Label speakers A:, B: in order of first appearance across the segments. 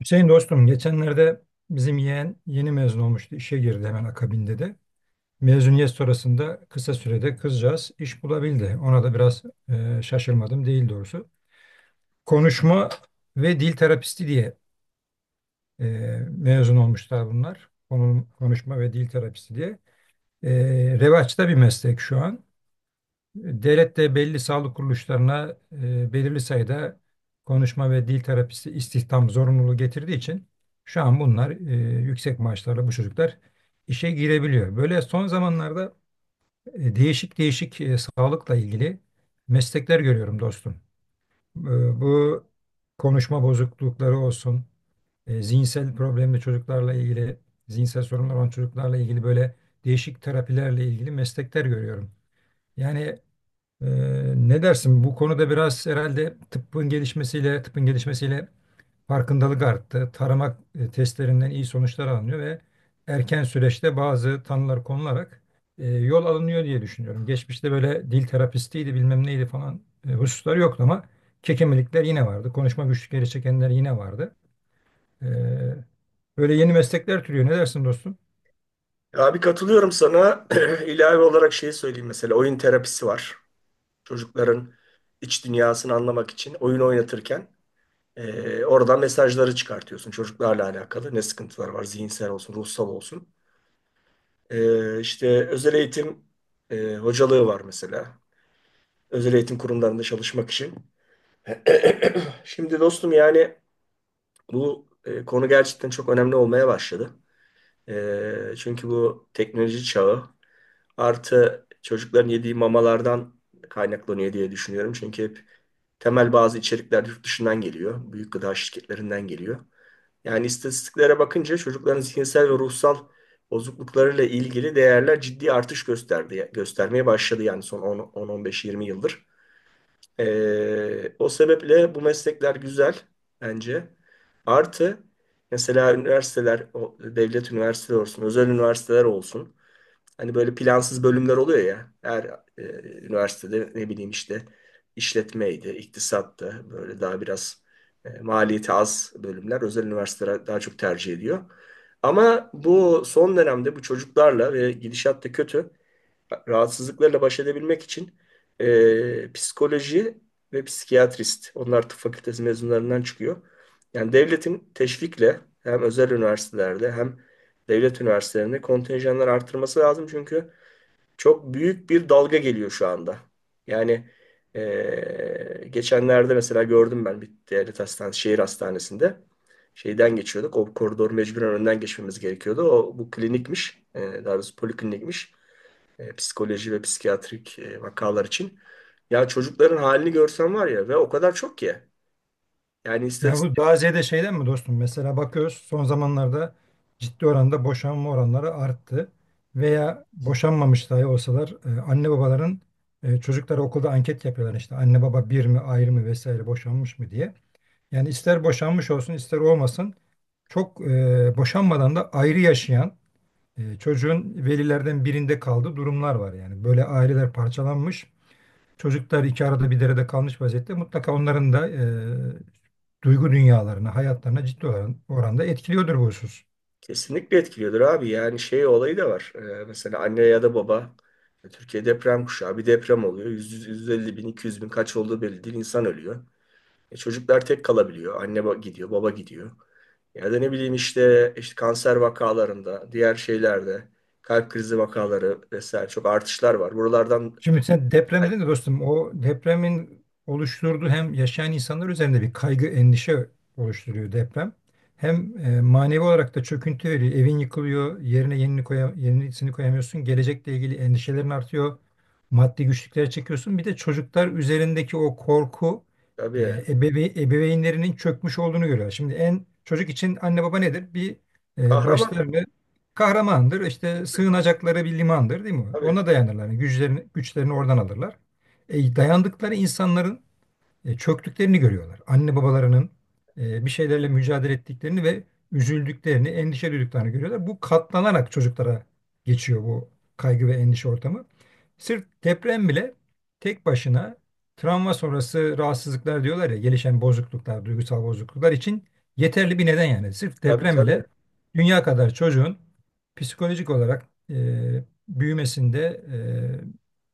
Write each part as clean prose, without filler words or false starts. A: Hüseyin dostum, geçenlerde bizim yeğen yeni mezun olmuştu. İşe girdi hemen akabinde de. Mezuniyet sonrasında kısa sürede kızcağız iş bulabildi. Ona da biraz şaşırmadım değil doğrusu. Konuşma ve dil terapisti diye e, mezun olmuşlar bunlar. Konuşma ve dil terapisti diye. E, revaçta bir meslek şu an. Devlette belli sağlık kuruluşlarına belirli sayıda konuşma ve dil terapisi istihdam zorunluluğu getirdiği için şu an bunlar yüksek maaşlarla bu çocuklar işe girebiliyor. Böyle son zamanlarda değişik değişik sağlıkla ilgili meslekler görüyorum dostum. E, bu konuşma bozuklukları olsun, zihinsel problemli çocuklarla ilgili, zihinsel sorunlar olan çocuklarla ilgili böyle değişik terapilerle ilgili meslekler görüyorum. Yani ee, ne dersin? Bu konuda biraz herhalde tıbbın gelişmesiyle, tıbbın gelişmesiyle farkındalık arttı. Tarama testlerinden iyi sonuçlar alınıyor ve erken süreçte bazı tanılar konularak yol alınıyor diye düşünüyorum. Geçmişte böyle dil terapistiydi, bilmem neydi falan hususlar yoktu ama kekemelikler yine vardı. Konuşma güçlükleri çekenler yine vardı. Ee, böyle yeni meslekler türüyor. Ne dersin, dostum?
B: Abi katılıyorum sana. İlave olarak şey söyleyeyim mesela. Oyun terapisi var. Çocukların iç dünyasını anlamak için oyun oynatırken oradan mesajları çıkartıyorsun. Çocuklarla alakalı ne sıkıntılar var, zihinsel olsun, ruhsal olsun. İşte özel eğitim hocalığı var mesela. Özel eğitim kurumlarında çalışmak için. Şimdi dostum, yani bu konu gerçekten çok önemli olmaya başladı. Çünkü bu teknoloji çağı. Artı, çocukların yediği mamalardan kaynaklanıyor diye düşünüyorum. Çünkü hep temel bazı içerikler yurt dışından geliyor. Büyük gıda şirketlerinden geliyor. Yani istatistiklere bakınca çocukların zihinsel ve ruhsal bozukluklarıyla ilgili değerler ciddi artış gösterdi, göstermeye başladı, yani son 10-15-20 yıldır. O sebeple bu meslekler güzel bence. Artı, mesela üniversiteler, o devlet üniversiteleri olsun, özel üniversiteler olsun. Hani böyle plansız bölümler oluyor ya. Her e, üniversitede ne bileyim işte, işletmeydi, iktisattı. Böyle daha biraz maliyeti az bölümler özel üniversiteler daha çok tercih ediyor. Ama bu son dönemde bu çocuklarla ve gidişat da kötü rahatsızlıklarla baş edebilmek için psikoloji ve psikiyatrist. Onlar tıp fakültesi mezunlarından çıkıyor. Yani devletin teşvikle hem özel üniversitelerde hem devlet üniversitelerinde kontenjanları artırması lazım. Çünkü çok büyük bir dalga geliyor şu anda. Yani e, geçenlerde mesela gördüm ben, bir devlet hastanesi, şehir hastanesinde şeyden geçiyorduk. O koridor mecburen önden geçmemiz gerekiyordu. O bu klinikmiş. E, daha doğrusu poliklinikmiş psikoloji ve psikiyatrik vakalar için. Ya çocukların halini görsen var ya, ve o kadar çok ki. Yani
A: Ya bu
B: istatistik
A: daha şeyden mi, dostum? Mesela bakıyoruz, son zamanlarda ciddi oranda boşanma oranları arttı. Veya boşanmamış dahi olsalar anne babaların çocuklara okulda anket yapıyorlar işte. Anne baba bir mi, ayrı mı, vesaire boşanmış mı diye. Yani ister boşanmış olsun ister olmasın çok boşanmadan da ayrı yaşayan çocuğun velilerden birinde kaldığı durumlar var. Yani böyle aileler parçalanmış. Çocuklar iki arada bir derede kalmış vaziyette. Mutlaka onların da duygu dünyalarına, hayatlarına ciddi oranda etkiliyordur bu husus.
B: kesinlikle etkiliyordur abi. Yani şey olayı da var. Mesela anne ya da baba Türkiye deprem kuşağı, bir deprem oluyor. 100, 150 bin, 200 bin, kaç olduğu belli değil. İnsan ölüyor. Çocuklar tek kalabiliyor. Anne ba- gidiyor, baba gidiyor. Ya da ne bileyim işte, işte kanser vakalarında, diğer şeylerde, kalp krizi vakaları vesaire çok artışlar var. Buralardan
A: Şimdi sen deprem dedin de dostum, o depremin oluşturduğu hem yaşayan insanlar üzerinde bir kaygı, endişe oluşturuyor deprem. Hem manevi olarak da çöküntü veriyor. Evin yıkılıyor, yerine yenisini koyamıyorsun. Gelecekle ilgili endişelerin artıyor. Maddi güçlüklere çekiyorsun. Bir de çocuklar üzerindeki o korku,
B: tabii
A: ebeveynlerinin çökmüş olduğunu görüyor. Şimdi en çocuk için anne baba nedir? Bir
B: kahraman.
A: başlarını kahramandır. İşte sığınacakları bir limandır, değil mi?
B: Tabii.
A: Ona dayanırlar. Yani güçlerini oradan alırlar. Dayandıkları insanların çöktüklerini görüyorlar. Anne babalarının bir şeylerle mücadele ettiklerini ve üzüldüklerini, endişe duyduklarını görüyorlar. Bu katlanarak çocuklara geçiyor bu kaygı ve endişe ortamı. Sırf deprem bile tek başına travma sonrası rahatsızlıklar diyorlar ya, gelişen bozukluklar, duygusal bozukluklar için yeterli bir neden yani. Sırf
B: Tabii,
A: deprem bile
B: tabii.
A: dünya kadar çocuğun psikolojik olarak büyümesinde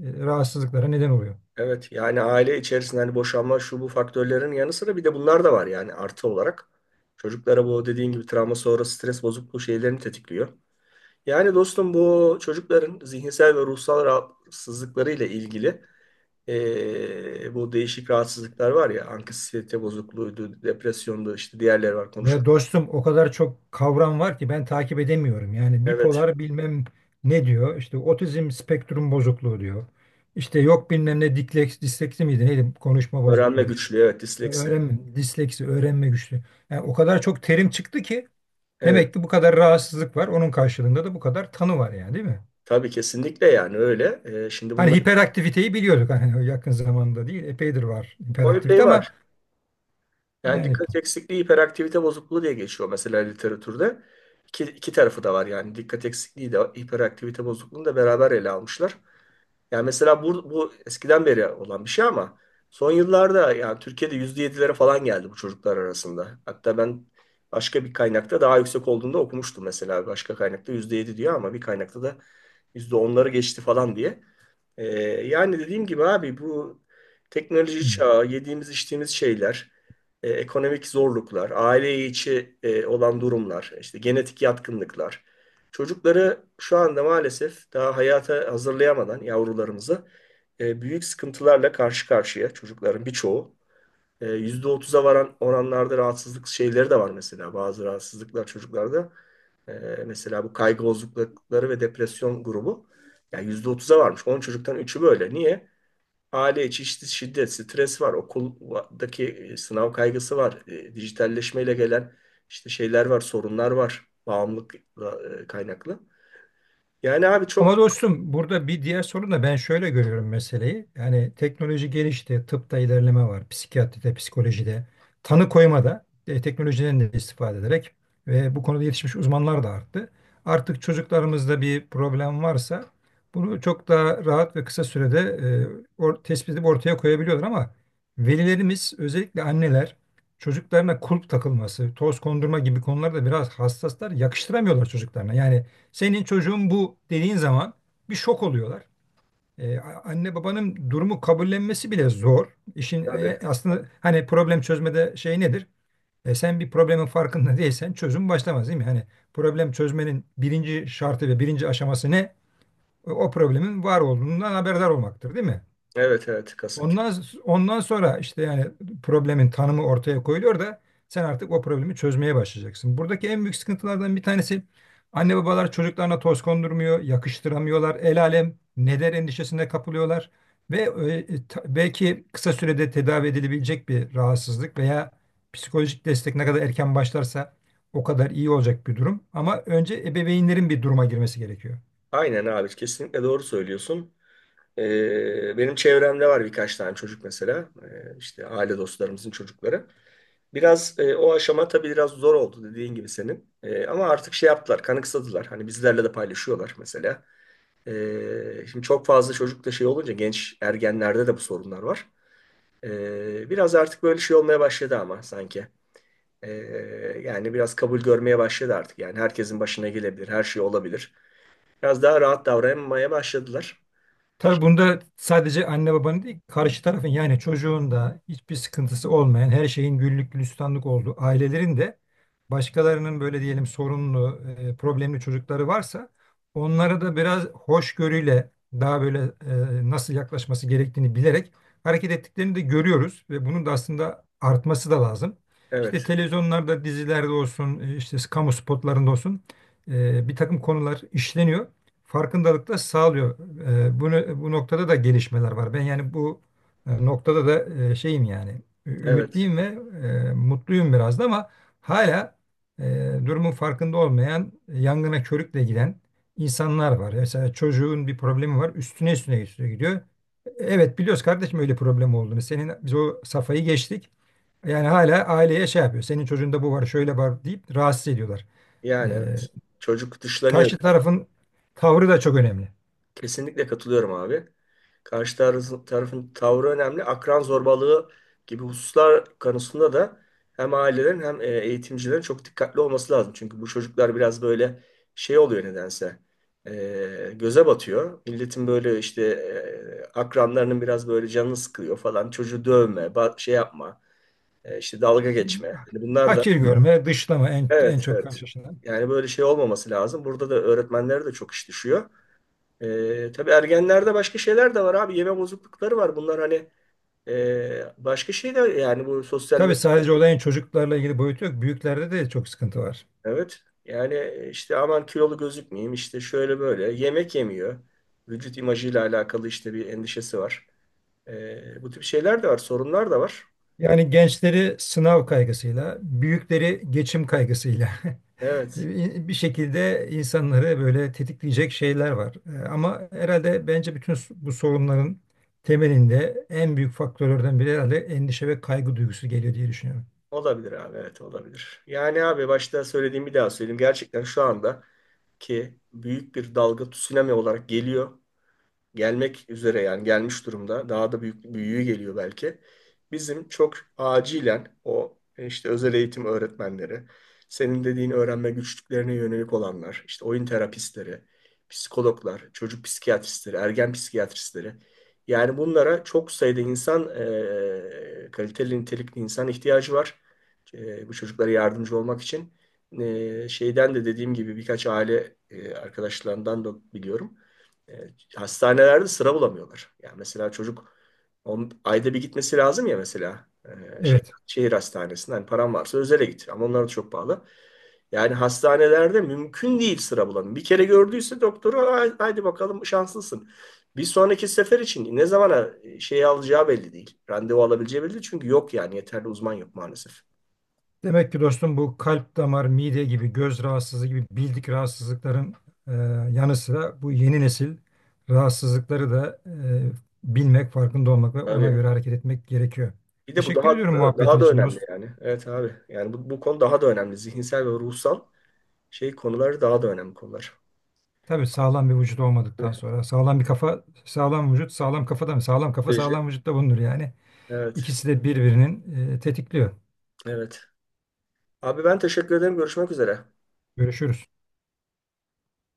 A: rahatsızlıklara neden oluyor.
B: Evet, yani aile içerisinde hani boşanma şu bu faktörlerin yanı sıra bir de bunlar da var yani artı olarak. Çocuklara bu dediğin gibi travma sonrası stres bozukluğu şeylerini tetikliyor. Yani dostum, bu çocukların zihinsel ve ruhsal rahatsızlıkları ile ilgili bu değişik rahatsızlıklar var ya, anksiyete bozukluğuydu, depresyondu, işte diğerleri var
A: Ya
B: konuşuruz.
A: dostum, o kadar çok kavram var ki ben takip edemiyorum. Yani
B: Evet,
A: bipolar bilmem ne diyor. İşte otizm spektrum bozukluğu diyor. İşte yok bilmem ne disleksi miydi neydi konuşma
B: öğrenme
A: bozukluğu.
B: güçlüğü, evet disleksi.
A: Öğrenme, disleksi, öğrenme güçlüğü. Yani o kadar çok terim çıktı ki
B: Evet,
A: demek ki bu kadar rahatsızlık var. Onun karşılığında da bu kadar tanı var yani, değil mi?
B: tabii kesinlikle yani öyle. Şimdi
A: Hani
B: bunların
A: hiperaktiviteyi biliyorduk, hani yakın zamanda değil, epeydir var
B: o
A: hiperaktivite
B: epey
A: ama
B: var. Yani
A: yani.
B: dikkat eksikliği hiperaktivite bozukluğu diye geçiyor mesela literatürde. İki, iki tarafı da var yani, dikkat eksikliği de hiperaktivite bozukluğunu da beraber ele almışlar. Yani mesela bu, bu eskiden beri olan bir şey ama son yıllarda yani Türkiye'de %7'lere falan geldi bu çocuklar arasında. Hatta ben başka bir kaynakta daha yüksek olduğunu da okumuştum mesela. Başka kaynakta %7 diyor ama bir kaynakta da %10'ları geçti falan diye. Ee, Yani dediğim gibi abi, bu teknoloji çağı, yediğimiz içtiğimiz şeyler, ekonomik zorluklar, aile içi olan durumlar, işte genetik yatkınlıklar. Çocukları şu anda maalesef daha hayata hazırlayamadan yavrularımızı büyük sıkıntılarla karşı karşıya, çocukların birçoğu. Yüzde otuz'a varan oranlarda rahatsızlık şeyleri de var mesela, bazı rahatsızlıklar çocuklarda. E, Mesela bu kaygı bozuklukları ve depresyon grubu, yani %30'a varmış. 10 çocuktan üçü böyle. Niye? Aile içi işte şiddet, stres var, okuldaki sınav kaygısı var, dijitalleşmeyle gelen işte şeyler var, sorunlar var. Bağımlılık kaynaklı. Yani abi çok
A: Ama dostum, burada bir diğer sorun da ben şöyle görüyorum meseleyi. Yani teknoloji gelişti, tıpta ilerleme var, psikiyatride, psikolojide, tanı koymada teknolojiden de istifade ederek ve bu konuda yetişmiş uzmanlar da arttı. Artık çocuklarımızda bir problem varsa bunu çok daha rahat ve kısa sürede tespit edip ortaya koyabiliyorlar, ama velilerimiz, özellikle anneler, çocuklarına kulp takılması, toz kondurma gibi konularda biraz hassaslar, yakıştıramıyorlar çocuklarına. Yani senin çocuğun bu dediğin zaman bir şok oluyorlar. Ee, anne babanın durumu kabullenmesi bile zor. İşin
B: tabii.
A: aslında hani problem çözmede şey nedir? Sen bir problemin farkında değilsen çözüm başlamaz, değil mi? Hani problem çözmenin birinci şartı ve birinci aşaması ne? O problemin var olduğundan haberdar olmaktır, değil mi?
B: Evet, evet kasık.
A: Ondan ondan sonra işte yani problemin tanımı ortaya koyuluyor da sen artık o problemi çözmeye başlayacaksın. Buradaki en büyük sıkıntılardan bir tanesi, anne babalar çocuklarına toz kondurmuyor, yakıştıramıyorlar. El alem ne der endişesine kapılıyorlar ve belki kısa sürede tedavi edilebilecek bir rahatsızlık veya psikolojik destek ne kadar erken başlarsa o kadar iyi olacak bir durum. Ama önce ebeveynlerin bir duruma girmesi gerekiyor.
B: Aynen abi, kesinlikle doğru söylüyorsun. Benim çevremde var birkaç tane çocuk mesela. İşte aile dostlarımızın çocukları. Biraz o aşama tabii biraz zor oldu dediğin gibi senin. E, ama artık şey yaptılar, kanıksadılar. Hani bizlerle de paylaşıyorlar mesela. Şimdi çok fazla çocukta şey olunca, genç ergenlerde de bu sorunlar var. Biraz artık böyle şey olmaya başladı ama sanki. E, Yani biraz kabul görmeye başladı artık. Yani herkesin başına gelebilir, her şey olabilir. Biraz daha rahat davranmaya başladılar.
A: Tabii bunda sadece anne babanın değil, karşı tarafın, yani çocuğun da hiçbir sıkıntısı olmayan, her şeyin güllük gülistanlık olduğu ailelerin de başkalarının böyle diyelim sorunlu, problemli çocukları varsa onlara da biraz hoşgörüyle daha böyle nasıl yaklaşması gerektiğini bilerek hareket ettiklerini de görüyoruz ve bunun da aslında artması da lazım. İşte
B: Evet,
A: televizyonlarda, dizilerde olsun, işte kamu spotlarında olsun, bir takım konular işleniyor, farkındalıkla sağlıyor. Bu noktada da gelişmeler var. Ben yani bu noktada da şeyim, yani
B: evet.
A: ümitliyim ve mutluyum biraz da, ama hala e, durumun farkında olmayan, yangına körükle giden insanlar var. Mesela çocuğun bir problemi var, üstüne üstüne üstüne gidiyor. Evet, biliyoruz kardeşim, öyle problem olduğunu. Senin biz o safhayı geçtik. Yani hala aileye şey yapıyor. Senin çocuğunda bu var, şöyle var deyip rahatsız ediyorlar. E,
B: Yani evet. Çocuk dışlanıyor.
A: karşı tarafın tavrı da çok önemli.
B: Kesinlikle katılıyorum abi. Karşı tarafın tavrı önemli. Akran zorbalığı gibi hususlar konusunda da hem ailelerin hem eğitimcilerin çok dikkatli olması lazım. Çünkü bu çocuklar biraz böyle şey oluyor nedense. Göze batıyor. Milletin böyle işte akranlarının biraz böyle canını sıkıyor falan. Çocuğu dövme, ba- şey yapma, işte dalga geçme. Hani bunlar da,
A: Hakir görme, dışlama en
B: evet
A: çok
B: evet.
A: karşılaşılan.
B: Yani böyle şey olmaması lazım. Burada da öğretmenlere de çok iş düşüyor. Tabii ergenlerde başka şeyler de var abi. Yeme bozuklukları var. Bunlar hani başka şeyler, yani bu sosyal
A: Tabii
B: medya.
A: sadece olayın çocuklarla ilgili boyutu yok. Büyüklerde de çok sıkıntı var.
B: Evet. Yani işte aman kilolu gözükmeyeyim, işte şöyle böyle. Yemek yemiyor. Vücut imajıyla alakalı işte bir endişesi var. Bu tip şeyler de var. Sorunlar da var.
A: Yani gençleri sınav kaygısıyla, büyükleri geçim kaygısıyla
B: Evet.
A: bir şekilde insanları böyle tetikleyecek şeyler var. Ama herhalde bence bütün bu sorunların temelinde en büyük faktörlerden biri herhalde endişe ve kaygı duygusu geliyor diye düşünüyorum.
B: Olabilir abi. Evet olabilir. Yani abi başta söylediğim bir daha söyleyeyim. Gerçekten şu anda ki büyük bir dalga tsunami olarak geliyor. Gelmek üzere, yani gelmiş durumda. Daha da büyük büyüğü geliyor belki. Bizim çok acilen o işte özel eğitim öğretmenleri, senin dediğin öğrenme güçlüklerine yönelik olanlar, işte oyun terapistleri, psikologlar, çocuk psikiyatristleri, ergen psikiyatristleri. Yani bunlara çok sayıda insan, kaliteli nitelikli insan ihtiyacı var. Bu çocuklara yardımcı olmak için. Şeyden de dediğim gibi birkaç aile arkadaşlarından da biliyorum. E, Hastanelerde sıra bulamıyorlar. Yani mesela çocuk on, ayda bir gitmesi lazım ya, mesela şey,
A: Evet.
B: şehir hastanesinde, hani param varsa özele git, ama onlar da çok pahalı. Yani hastanelerde mümkün değil, sıra bulamıyor. Bir kere gördüyse doktoru, "Hay- haydi bakalım, şanslısın. Bir sonraki sefer için ne zamana şeyi alacağı belli değil. Randevu alabileceği belli değil. Çünkü yok, yani yeterli uzman yok maalesef.
A: Demek ki dostum, bu kalp damar, mide gibi, göz rahatsızlığı gibi bildik rahatsızlıkların e, yanı sıra bu yeni nesil rahatsızlıkları da bilmek, farkında olmak ve
B: Abi
A: ona göre hareket etmek gerekiyor.
B: bir de bu
A: Teşekkür
B: daha
A: ediyorum
B: daha
A: muhabbetin
B: daha da
A: için,
B: önemli
A: dost.
B: yani. Evet abi. Yani bu, bu konu daha da önemli. Zihinsel ve ruhsal şey konuları daha da önemli konular.
A: Tabii sağlam bir vücut olmadıktan sonra sağlam bir kafa, sağlam vücut, sağlam kafadan, sağlam kafa,
B: Beji.
A: sağlam vücutta bulunur yani.
B: Evet.
A: İkisi de birbirinin tetikliyor.
B: Evet. Abi, ben teşekkür ederim. Görüşmek üzere.
A: Görüşürüz.